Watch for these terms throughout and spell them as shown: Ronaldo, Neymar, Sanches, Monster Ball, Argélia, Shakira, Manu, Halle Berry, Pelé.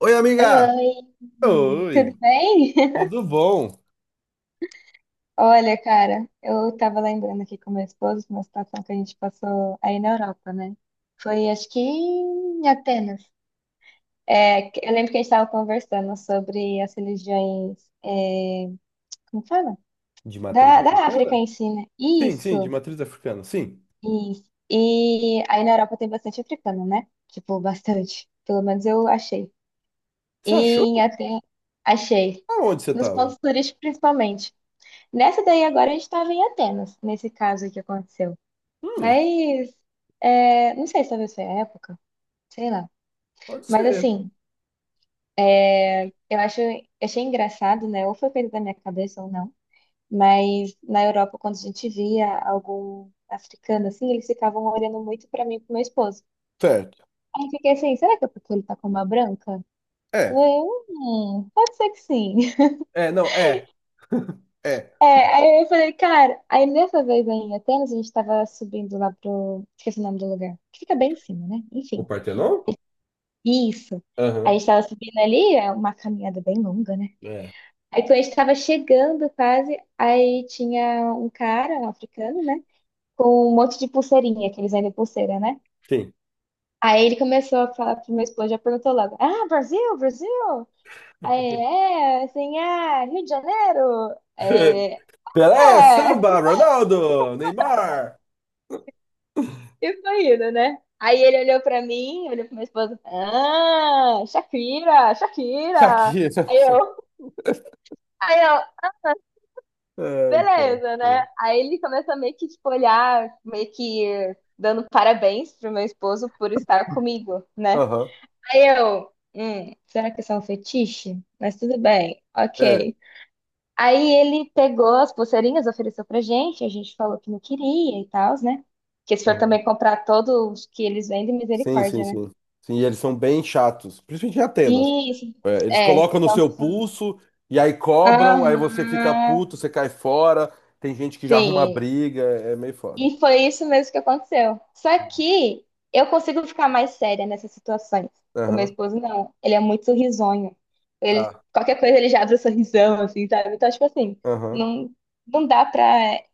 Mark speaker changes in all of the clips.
Speaker 1: Oi,
Speaker 2: Oi,
Speaker 1: amiga!
Speaker 2: oi,
Speaker 1: Oi,
Speaker 2: tudo bem?
Speaker 1: tudo bom?
Speaker 2: Olha, cara, eu tava lembrando aqui com meu esposo de uma situação que a gente passou aí na Europa, né? Foi, acho que em Atenas. Eu lembro que a gente tava conversando sobre as religiões, é, como fala?
Speaker 1: De matriz
Speaker 2: Da África
Speaker 1: africana?
Speaker 2: em si, né?
Speaker 1: Sim, sim, de
Speaker 2: Isso,
Speaker 1: matriz africana, sim.
Speaker 2: isso. E aí na Europa tem bastante africano, né? Tipo, bastante. Pelo menos eu achei. E
Speaker 1: Você
Speaker 2: em
Speaker 1: achou?
Speaker 2: Atenas, achei.
Speaker 1: Aonde você
Speaker 2: Nos
Speaker 1: tava?
Speaker 2: pontos turísticos, principalmente. Nessa daí agora a gente estava em Atenas, nesse caso aí que aconteceu.
Speaker 1: Hum,
Speaker 2: Mas não sei se talvez foi a época, sei lá.
Speaker 1: pode
Speaker 2: Mas
Speaker 1: ser.
Speaker 2: assim, é, eu acho, achei engraçado, né? Ou foi coisa da minha cabeça ou não. Mas na Europa, quando a gente via algum africano assim, eles ficavam olhando muito pra mim e pro meu esposo.
Speaker 1: Certo.
Speaker 2: Aí eu fiquei assim, será que é porque ele tá com uma branca?
Speaker 1: É,
Speaker 2: Eu, pode ser que sim.
Speaker 1: é, não, é.
Speaker 2: Aí eu falei, cara, aí nessa vez aí em Atenas, a gente tava subindo lá pro. Esqueci o nome do lugar. Que fica bem em cima, né?
Speaker 1: O
Speaker 2: Enfim.
Speaker 1: Partenon?
Speaker 2: Isso. Aí a
Speaker 1: Aham,
Speaker 2: gente tava subindo ali, é uma caminhada bem longa, né?
Speaker 1: é,
Speaker 2: Aí quando a gente tava chegando quase, aí tinha um cara, um africano, né? Com um monte de pulseirinha, que eles vendem pulseira, né?
Speaker 1: sim.
Speaker 2: Aí ele começou a falar pro meu esposo, já perguntou logo: Ah, Brasil, Brasil! Aí, ele, assim, ah, Rio de Janeiro! Aí, ele,
Speaker 1: Pelé,
Speaker 2: é.
Speaker 1: Samba, Ronaldo, Neymar,
Speaker 2: E foi indo, né? Aí ele olhou pra mim, olhou pra minha esposa. Ah, Shakira, Shakira.
Speaker 1: Shakira.
Speaker 2: Aí eu, aí eu,
Speaker 1: É, então.
Speaker 2: beleza, né? Aí ele começa meio que, tipo, olhar, meio que dando parabéns pro meu esposo por estar comigo, né?
Speaker 1: Aham,
Speaker 2: Aí eu, será que isso é um fetiche? Mas tudo bem,
Speaker 1: é.
Speaker 2: ok. Aí ele pegou as pulseirinhas, ofereceu pra gente, a gente falou que não queria e tal, né? Que se for
Speaker 1: Aham.
Speaker 2: também comprar todos que eles vendem,
Speaker 1: Sim, sim,
Speaker 2: misericórdia, né?
Speaker 1: sim. Sim, e eles são bem chatos, principalmente em Atenas.
Speaker 2: Isso,
Speaker 1: É, eles
Speaker 2: é.
Speaker 1: colocam no
Speaker 2: São-
Speaker 1: seu pulso e aí
Speaker 2: Aham,
Speaker 1: cobram, aí você fica puto, você cai fora. Tem gente que já arruma
Speaker 2: sim.
Speaker 1: briga, é meio foda.
Speaker 2: E foi isso mesmo que aconteceu. Só que eu consigo ficar mais séria nessas situações. O meu
Speaker 1: Aham,
Speaker 2: esposo não. Ele é muito sorrisonho. Ele,
Speaker 1: tá.
Speaker 2: qualquer coisa ele já abre o sorrisão, assim, sabe? Então, tipo assim,
Speaker 1: Aham,
Speaker 2: não, não dá pra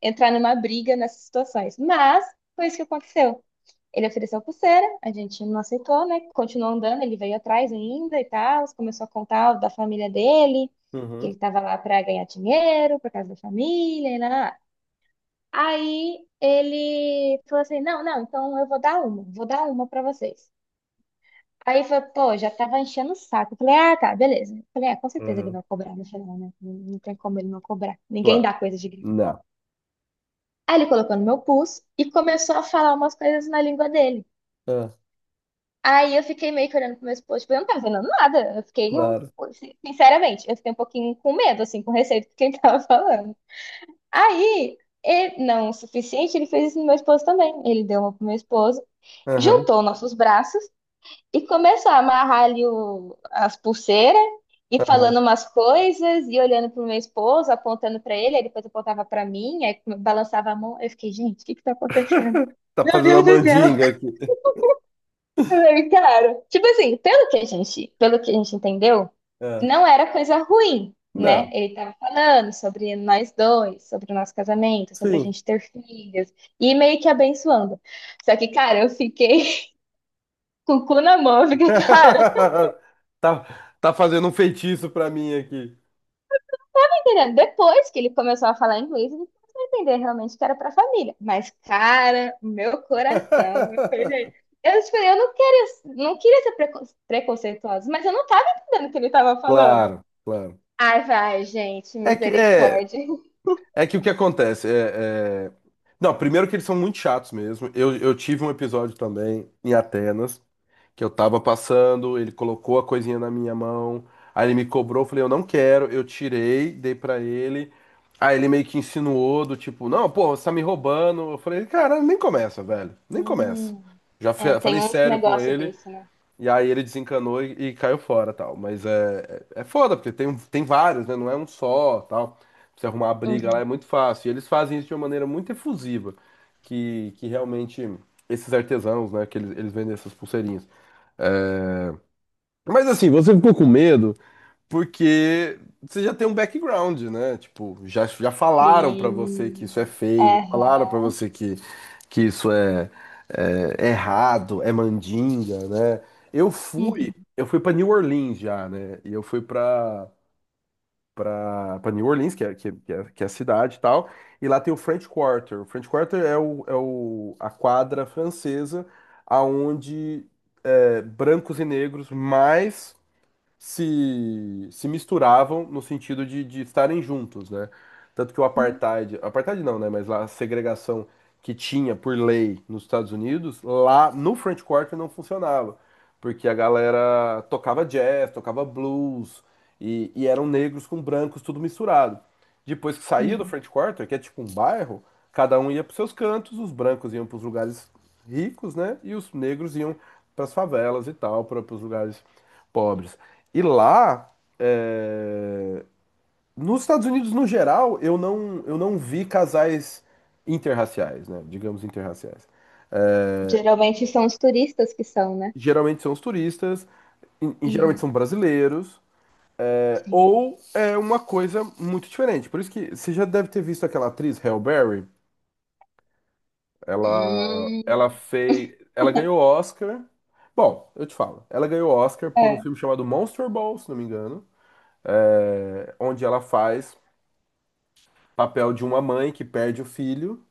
Speaker 2: entrar numa briga nessas situações. Mas foi isso que aconteceu. Ele ofereceu pulseira, a gente não aceitou, né? Continuou andando, ele veio atrás ainda e tal, começou a contar da família dele, que ele
Speaker 1: uhum,
Speaker 2: estava lá para ganhar dinheiro, por causa da família, e lá, lá, lá. Aí ele falou assim: "Não, não, então eu vou dar uma para vocês". Aí eu falei, pô, já tava enchendo o saco. Eu falei, ah, tá, beleza. Eu falei, ah, com certeza ele
Speaker 1: uhum,
Speaker 2: vai cobrar no final, né? Não tem como ele não cobrar. Ninguém
Speaker 1: claro.
Speaker 2: dá coisa de graça.
Speaker 1: Não.
Speaker 2: Aí ele colocou no meu pulso e começou a falar umas coisas na língua dele.
Speaker 1: Ah,
Speaker 2: Aí eu fiquei meio que olhando pro meu esposo, tipo, eu não tava vendo nada.
Speaker 1: claro.
Speaker 2: Sinceramente, eu fiquei um pouquinho com medo, assim, com receio do que ele tava falando. Aí, ele, não o suficiente, ele fez isso no meu esposo também. Ele deu uma pro meu esposo,
Speaker 1: Aham,
Speaker 2: juntou nossos braços e começou a amarrar ali o, as pulseiras e
Speaker 1: aham.
Speaker 2: falando umas coisas e olhando pro meu esposo, apontando pra ele, aí depois apontava pra mim, aí balançava a mão. Eu fiquei, gente, o que que tá acontecendo?
Speaker 1: Tá fazendo a mandinga aqui.
Speaker 2: Bem, cara, tipo assim, pelo que a gente entendeu,
Speaker 1: Ah,
Speaker 2: não era coisa ruim, né?
Speaker 1: não.
Speaker 2: Ele tava falando sobre nós dois, sobre o nosso casamento, sobre a
Speaker 1: Sim.
Speaker 2: gente ter filhos, e meio que abençoando. Só que, cara, eu fiquei com o cu na mão, eu fiquei, cara,
Speaker 1: Tá, tá fazendo um feitiço pra mim aqui.
Speaker 2: tá entendendo? Depois que ele começou a falar inglês, ele começou a entender realmente que era pra família. Mas, cara, o meu coração, eu falei, gente, eu, tipo, eu não queria, não queria ser preconceituosa, mas eu não tava entendendo o que ele tava falando.
Speaker 1: Claro, claro.
Speaker 2: Ai, vai, gente,
Speaker 1: É que é.
Speaker 2: misericórdia.
Speaker 1: É que o que acontece é, é- Não, primeiro que eles são muito chatos mesmo. Eu tive um episódio também em Atenas, que eu tava passando, ele colocou a coisinha na minha mão, aí ele me cobrou, eu falei, eu não quero, eu tirei, dei pra ele. Aí ele meio que insinuou do tipo, não, pô, você tá me roubando. Eu falei, cara, nem começa, velho, nem começa.
Speaker 2: Hum, É, tem
Speaker 1: Falei
Speaker 2: uns
Speaker 1: sério com
Speaker 2: negócios
Speaker 1: ele.
Speaker 2: desse, né?
Speaker 1: E aí ele desencanou e caiu fora, tal. Mas é foda, porque tem vários, né? Não é um só, tal. Pra você arrumar a briga lá é
Speaker 2: Uhum.
Speaker 1: muito fácil. E eles fazem isso de uma maneira muito efusiva, que realmente esses artesãos, né? Que eles vendem essas pulseirinhas. É, mas assim, você ficou com medo? Porque você já tem um background, né? Tipo, já falaram pra você que isso é
Speaker 2: Sim.
Speaker 1: feio, falaram pra
Speaker 2: Aham.
Speaker 1: você que isso é, é errado, é mandinga, né? Eu fui,
Speaker 2: Uhum.
Speaker 1: eu fui para New Orleans já, né? E eu fui pra para para New Orleans, que é a cidade e tal, e lá tem o French Quarter. O French Quarter é a quadra francesa aonde é, brancos e negros mais se misturavam no sentido de estarem juntos, né? Tanto que o apartheid, apartheid não, né? Mas lá a segregação que tinha por lei nos Estados Unidos, lá no French Quarter não funcionava, porque a galera tocava jazz, tocava blues e eram negros com brancos tudo misturado. Depois que saía do
Speaker 2: Uhum.
Speaker 1: French Quarter, que é tipo um bairro, cada um ia para seus cantos, os brancos iam para os lugares ricos, né? E os negros iam para as favelas e tal, para os lugares pobres. E lá, é, nos Estados Unidos no geral, eu não vi casais interraciais, né? Digamos interraciais.
Speaker 2: Geralmente são os turistas que são, né?
Speaker 1: Geralmente são os turistas, e geralmente
Speaker 2: Uhum.
Speaker 1: são brasileiros, é,
Speaker 2: Sim.
Speaker 1: ou é uma coisa muito diferente. Por isso que você já deve ter visto aquela atriz, Halle Berry.
Speaker 2: Hum.
Speaker 1: Ela ganhou Oscar. Bom, eu te falo. Ela ganhou Oscar por um
Speaker 2: É.
Speaker 1: filme chamado Monster Ball, se não me engano, é, onde ela faz papel de uma mãe que perde o filho.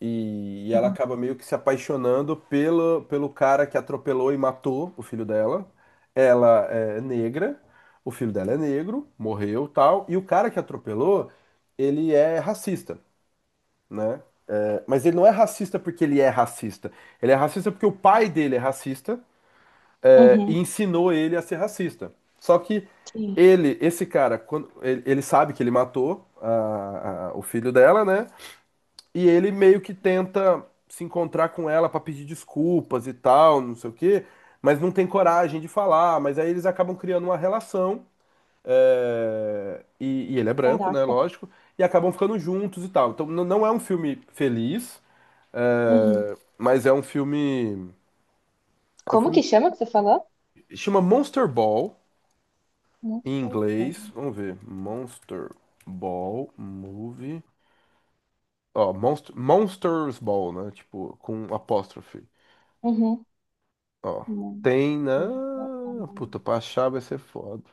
Speaker 1: E ela
Speaker 2: Uhum.
Speaker 1: acaba meio que se apaixonando pelo, pelo cara que atropelou e matou o filho dela. Ela é negra, o filho dela é negro, morreu tal. E o cara que atropelou, ele é racista, né? É, mas ele não é racista porque ele é racista. Ele é racista porque o pai dele é racista, é, e
Speaker 2: Uhum.
Speaker 1: ensinou ele a ser racista. Só que
Speaker 2: Sim.
Speaker 1: esse cara, ele sabe que ele matou o filho dela, né? E ele meio que tenta se encontrar com ela pra pedir desculpas e tal, não sei o quê, mas não tem coragem de falar. Mas aí eles acabam criando uma relação. E ele é branco, né?
Speaker 2: Caraca.
Speaker 1: Lógico. E acabam ficando juntos e tal. Então não é um filme feliz,
Speaker 2: Uhum.
Speaker 1: é, mas é um filme. É um
Speaker 2: Como que
Speaker 1: filme.
Speaker 2: chama que você falou?
Speaker 1: Chama Monster Ball
Speaker 2: Não
Speaker 1: em
Speaker 2: sei,
Speaker 1: inglês.
Speaker 2: cara.
Speaker 1: Vamos ver. Monster Ball Movie. Ó, Monsters Ball, né? Tipo, com apóstrofe.
Speaker 2: Uhum.
Speaker 1: Ó,
Speaker 2: Não
Speaker 1: tem
Speaker 2: sei.
Speaker 1: na. Puta,
Speaker 2: Não,
Speaker 1: pra achar vai ser foda.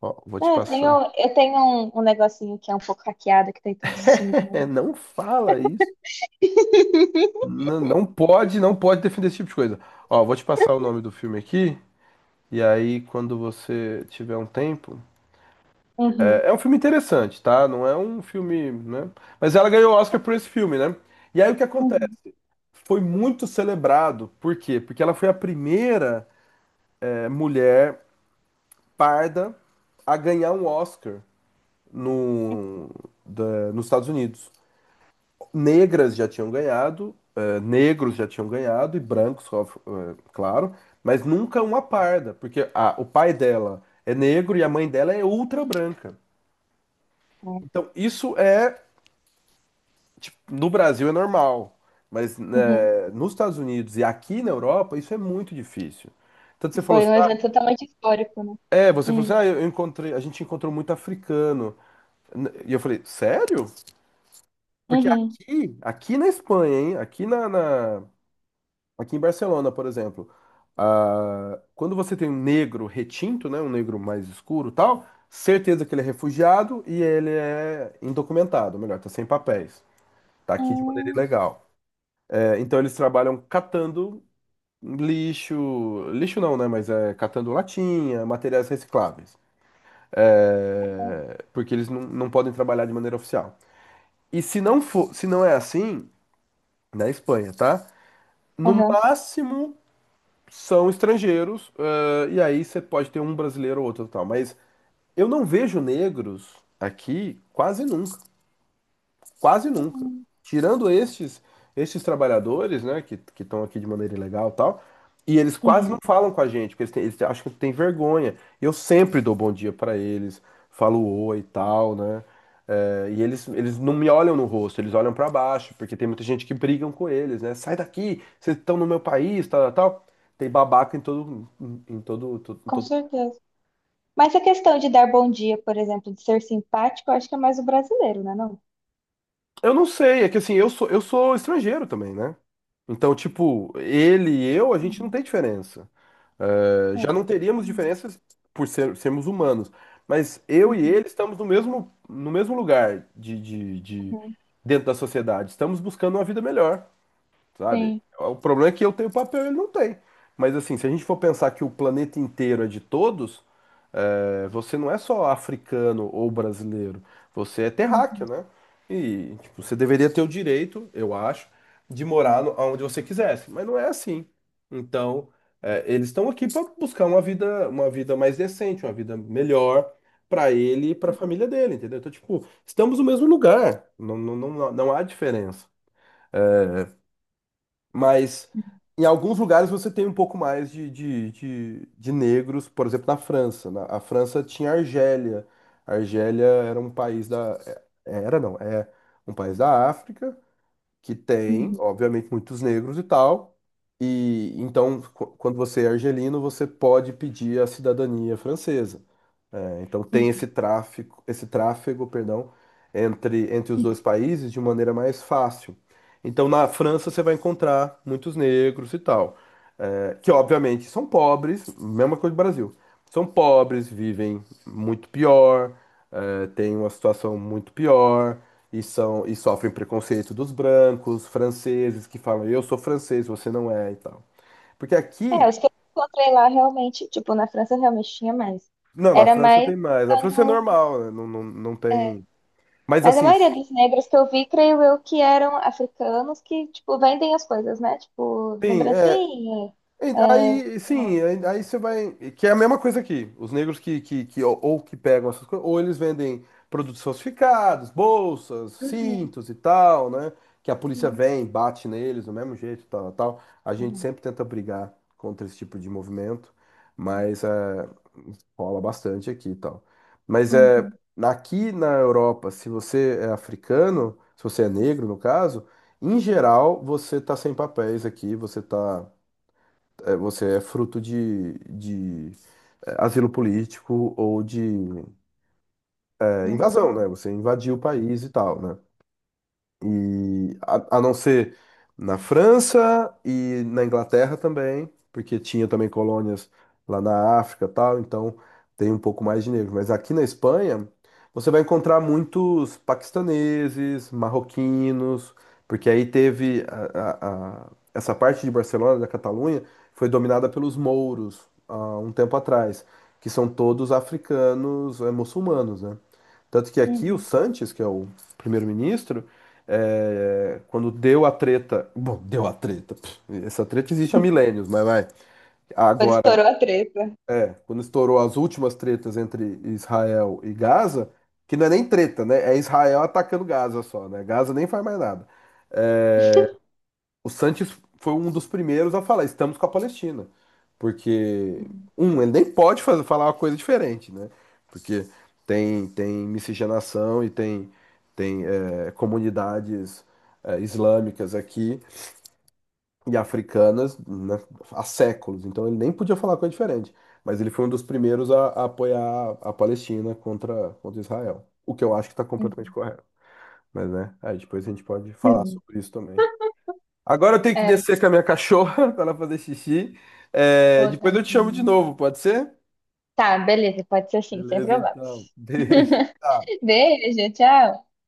Speaker 1: Ó, vou
Speaker 2: é,
Speaker 1: te passar.
Speaker 2: eu tenho um, um negocinho que é um pouco hackeado, que tem todos os filmes do
Speaker 1: É,
Speaker 2: mundo.
Speaker 1: não fala isso. Não, não pode defender esse tipo de coisa. Ó, vou te passar o nome do filme aqui. E aí, quando você tiver um tempo.
Speaker 2: Uhum,
Speaker 1: É, é um filme interessante, tá? Não é um filme, né? Mas ela ganhou o Oscar por esse filme, né? E aí o que acontece?
Speaker 2: uhum,
Speaker 1: Foi muito celebrado. Por quê? Porque ela foi a primeira, é, mulher parda a ganhar um Oscar no, da- nos Estados Unidos. Negras já tinham ganhado, negros já tinham ganhado, e brancos, claro, mas nunca uma parda, porque o pai dela é negro e a mãe dela é ultra branca.
Speaker 2: é.
Speaker 1: Então, isso é, tipo, no Brasil é normal, mas
Speaker 2: Uhum.
Speaker 1: né, nos Estados Unidos e aqui na Europa, isso é muito difícil. Tanto você falou
Speaker 2: Foi um
Speaker 1: assim, ah,
Speaker 2: evento totalmente histórico, né?
Speaker 1: é, você falou assim,
Speaker 2: Hum,
Speaker 1: ah, eu encontrei, a gente encontrou muito africano. E eu falei, sério? Porque
Speaker 2: uhum.
Speaker 1: aqui, aqui na Espanha, hein? Aqui em Barcelona, por exemplo, ah, quando você tem um negro retinto, né, um negro mais escuro, e tal, certeza que ele é refugiado e ele é indocumentado, melhor, tá sem papéis, tá aqui de maneira
Speaker 2: Hum,
Speaker 1: ilegal. É, então eles trabalham catando lixo, lixo não, né, mas é catando latinha, materiais recicláveis. É, porque eles não podem trabalhar de maneira oficial. E se não for, se não é assim na Espanha, tá? No
Speaker 2: aham.
Speaker 1: máximo são estrangeiros, eh, e aí você pode ter um brasileiro ou outro e tal. Mas eu não vejo negros aqui quase nunca. Quase nunca.
Speaker 2: Hum,
Speaker 1: Tirando estes, estes trabalhadores, né, que estão aqui de maneira ilegal e tal, e eles quase não
Speaker 2: uhum.
Speaker 1: falam com a gente, porque eles, têm, eles acham que tem vergonha. Eu sempre dou bom dia pra eles, falo oi e tal, né? É, e eles não me olham no rosto, eles olham pra baixo, porque tem muita gente que brigam com eles, né? Sai daqui, vocês estão no meu país, tal, tal. Tal. Tem babaca em todo, em todo, em
Speaker 2: Com
Speaker 1: todo
Speaker 2: certeza. Mas a questão de dar bom dia, por exemplo, de ser simpático, eu acho que é mais o brasileiro, né, não?
Speaker 1: eu não sei, é que assim, eu sou estrangeiro também, né? Então, tipo, ele e eu, a gente não
Speaker 2: Uhum.
Speaker 1: tem diferença. É,
Speaker 2: É.
Speaker 1: já não teríamos
Speaker 2: Uhum.
Speaker 1: diferenças por sermos humanos. Mas eu e
Speaker 2: Uhum.
Speaker 1: ele estamos no mesmo, no mesmo lugar
Speaker 2: Uhum.
Speaker 1: dentro da sociedade. Estamos buscando uma vida melhor, sabe?
Speaker 2: Sim.
Speaker 1: O problema é que eu tenho papel e ele não tem. Mas assim, se a gente for pensar que o planeta inteiro é de todos, é, você não é só africano ou brasileiro, você é terráqueo,
Speaker 2: Uhum.
Speaker 1: né? E tipo, você deveria ter o direito, eu acho, de morar onde você quisesse, mas não é assim. Então, é, eles estão aqui para buscar uma vida mais decente, uma vida melhor para ele e para a família dele, entendeu? Então, tipo, estamos no mesmo lugar, não há diferença. Mas
Speaker 2: Uhum.
Speaker 1: em alguns lugares você tem um pouco mais de negros, por exemplo, na França. A França tinha Argélia. A Argélia era um país da. É- Era, não, É um país da África que tem,
Speaker 2: Uhum.
Speaker 1: obviamente, muitos negros e tal. E então, quando você é argelino, você pode pedir a cidadania francesa. É, então tem esse tráfico, esse tráfego, perdão, entre, entre os dois
Speaker 2: Uhum.
Speaker 1: países de maneira mais fácil. Então na França você vai encontrar muitos negros e tal, é, que obviamente são pobres, mesma coisa do Brasil. São pobres, vivem muito pior, é, têm uma situação muito pior. E, são, e sofrem preconceito dos brancos, franceses, que falam, eu sou francês, você não é e tal. Porque
Speaker 2: É,
Speaker 1: aqui,
Speaker 2: os que eu encontrei lá realmente, tipo, na França realmente tinha mais.
Speaker 1: não, na
Speaker 2: Era
Speaker 1: França
Speaker 2: mais
Speaker 1: tem mais. Na França é
Speaker 2: quando.
Speaker 1: normal, né? Não
Speaker 2: É,
Speaker 1: tem. Mas
Speaker 2: mas a
Speaker 1: assim,
Speaker 2: maioria dos negros que eu vi, creio eu, que eram africanos que, tipo, vendem as coisas, né? Tipo,
Speaker 1: sim, é,
Speaker 2: lembrancinha.
Speaker 1: aí, sim, aí você vai. Que é a mesma coisa aqui. Os negros que ou que pegam essas coisas, ou eles vendem produtos falsificados, bolsas,
Speaker 2: Uhum,
Speaker 1: cintos e tal, né? Que a polícia
Speaker 2: sim.
Speaker 1: vem, bate neles do mesmo jeito, tal, tal. A gente
Speaker 2: Uhum.
Speaker 1: sempre tenta brigar contra esse tipo de movimento, mas é, rola bastante aqui e tal. Mas é,
Speaker 2: Uhum,
Speaker 1: aqui na Europa, se você é africano, se você é negro, no caso, em geral, você tá sem papéis aqui, você tá é, você é fruto de é, asilo político ou de é,
Speaker 2: né?
Speaker 1: invasão, né? Você invadiu o país e tal, né? E a não ser na França e na Inglaterra também, porque tinha também colônias lá na África, e tal, então tem um pouco mais de negro, mas aqui na Espanha você vai encontrar muitos paquistaneses, marroquinos, porque aí teve essa parte de Barcelona, da Catalunha, foi dominada pelos mouros há um tempo atrás, que são todos africanos, eh, muçulmanos, né? Tanto que aqui o
Speaker 2: Uhum.
Speaker 1: Sanches, que é o primeiro-ministro, é, quando deu a treta. Bom, deu a treta. Pff, essa treta existe há milênios, mas vai.
Speaker 2: Quando
Speaker 1: Agora,
Speaker 2: estourou a treta.
Speaker 1: é, quando estourou as últimas tretas entre Israel e Gaza, que não é nem treta, né? É Israel atacando Gaza só, né? Gaza nem faz mais nada. É, o Sanches foi um dos primeiros a falar, estamos com a Palestina. Porque,
Speaker 2: Uhum.
Speaker 1: um, ele nem pode fazer, falar uma coisa diferente, né? Porque tem, tem miscigenação e tem, tem é, comunidades é, islâmicas aqui e africanas né, há séculos. Então ele nem podia falar coisa diferente. Mas ele foi um dos primeiros a apoiar a Palestina contra, contra Israel. O que eu acho que está completamente
Speaker 2: Uhum.
Speaker 1: correto. Mas, né? Aí depois a gente pode falar
Speaker 2: Uhum.
Speaker 1: sobre isso também. Agora eu tenho que
Speaker 2: É,
Speaker 1: descer com a minha cachorra para ela fazer xixi. É,
Speaker 2: ô,
Speaker 1: depois eu te chamo de
Speaker 2: tadinha.
Speaker 1: novo, pode ser?
Speaker 2: Tá, beleza, pode ser assim, sem
Speaker 1: Beleza,
Speaker 2: problema.
Speaker 1: então. Beijo. Tchau.
Speaker 2: Beijo, tchau.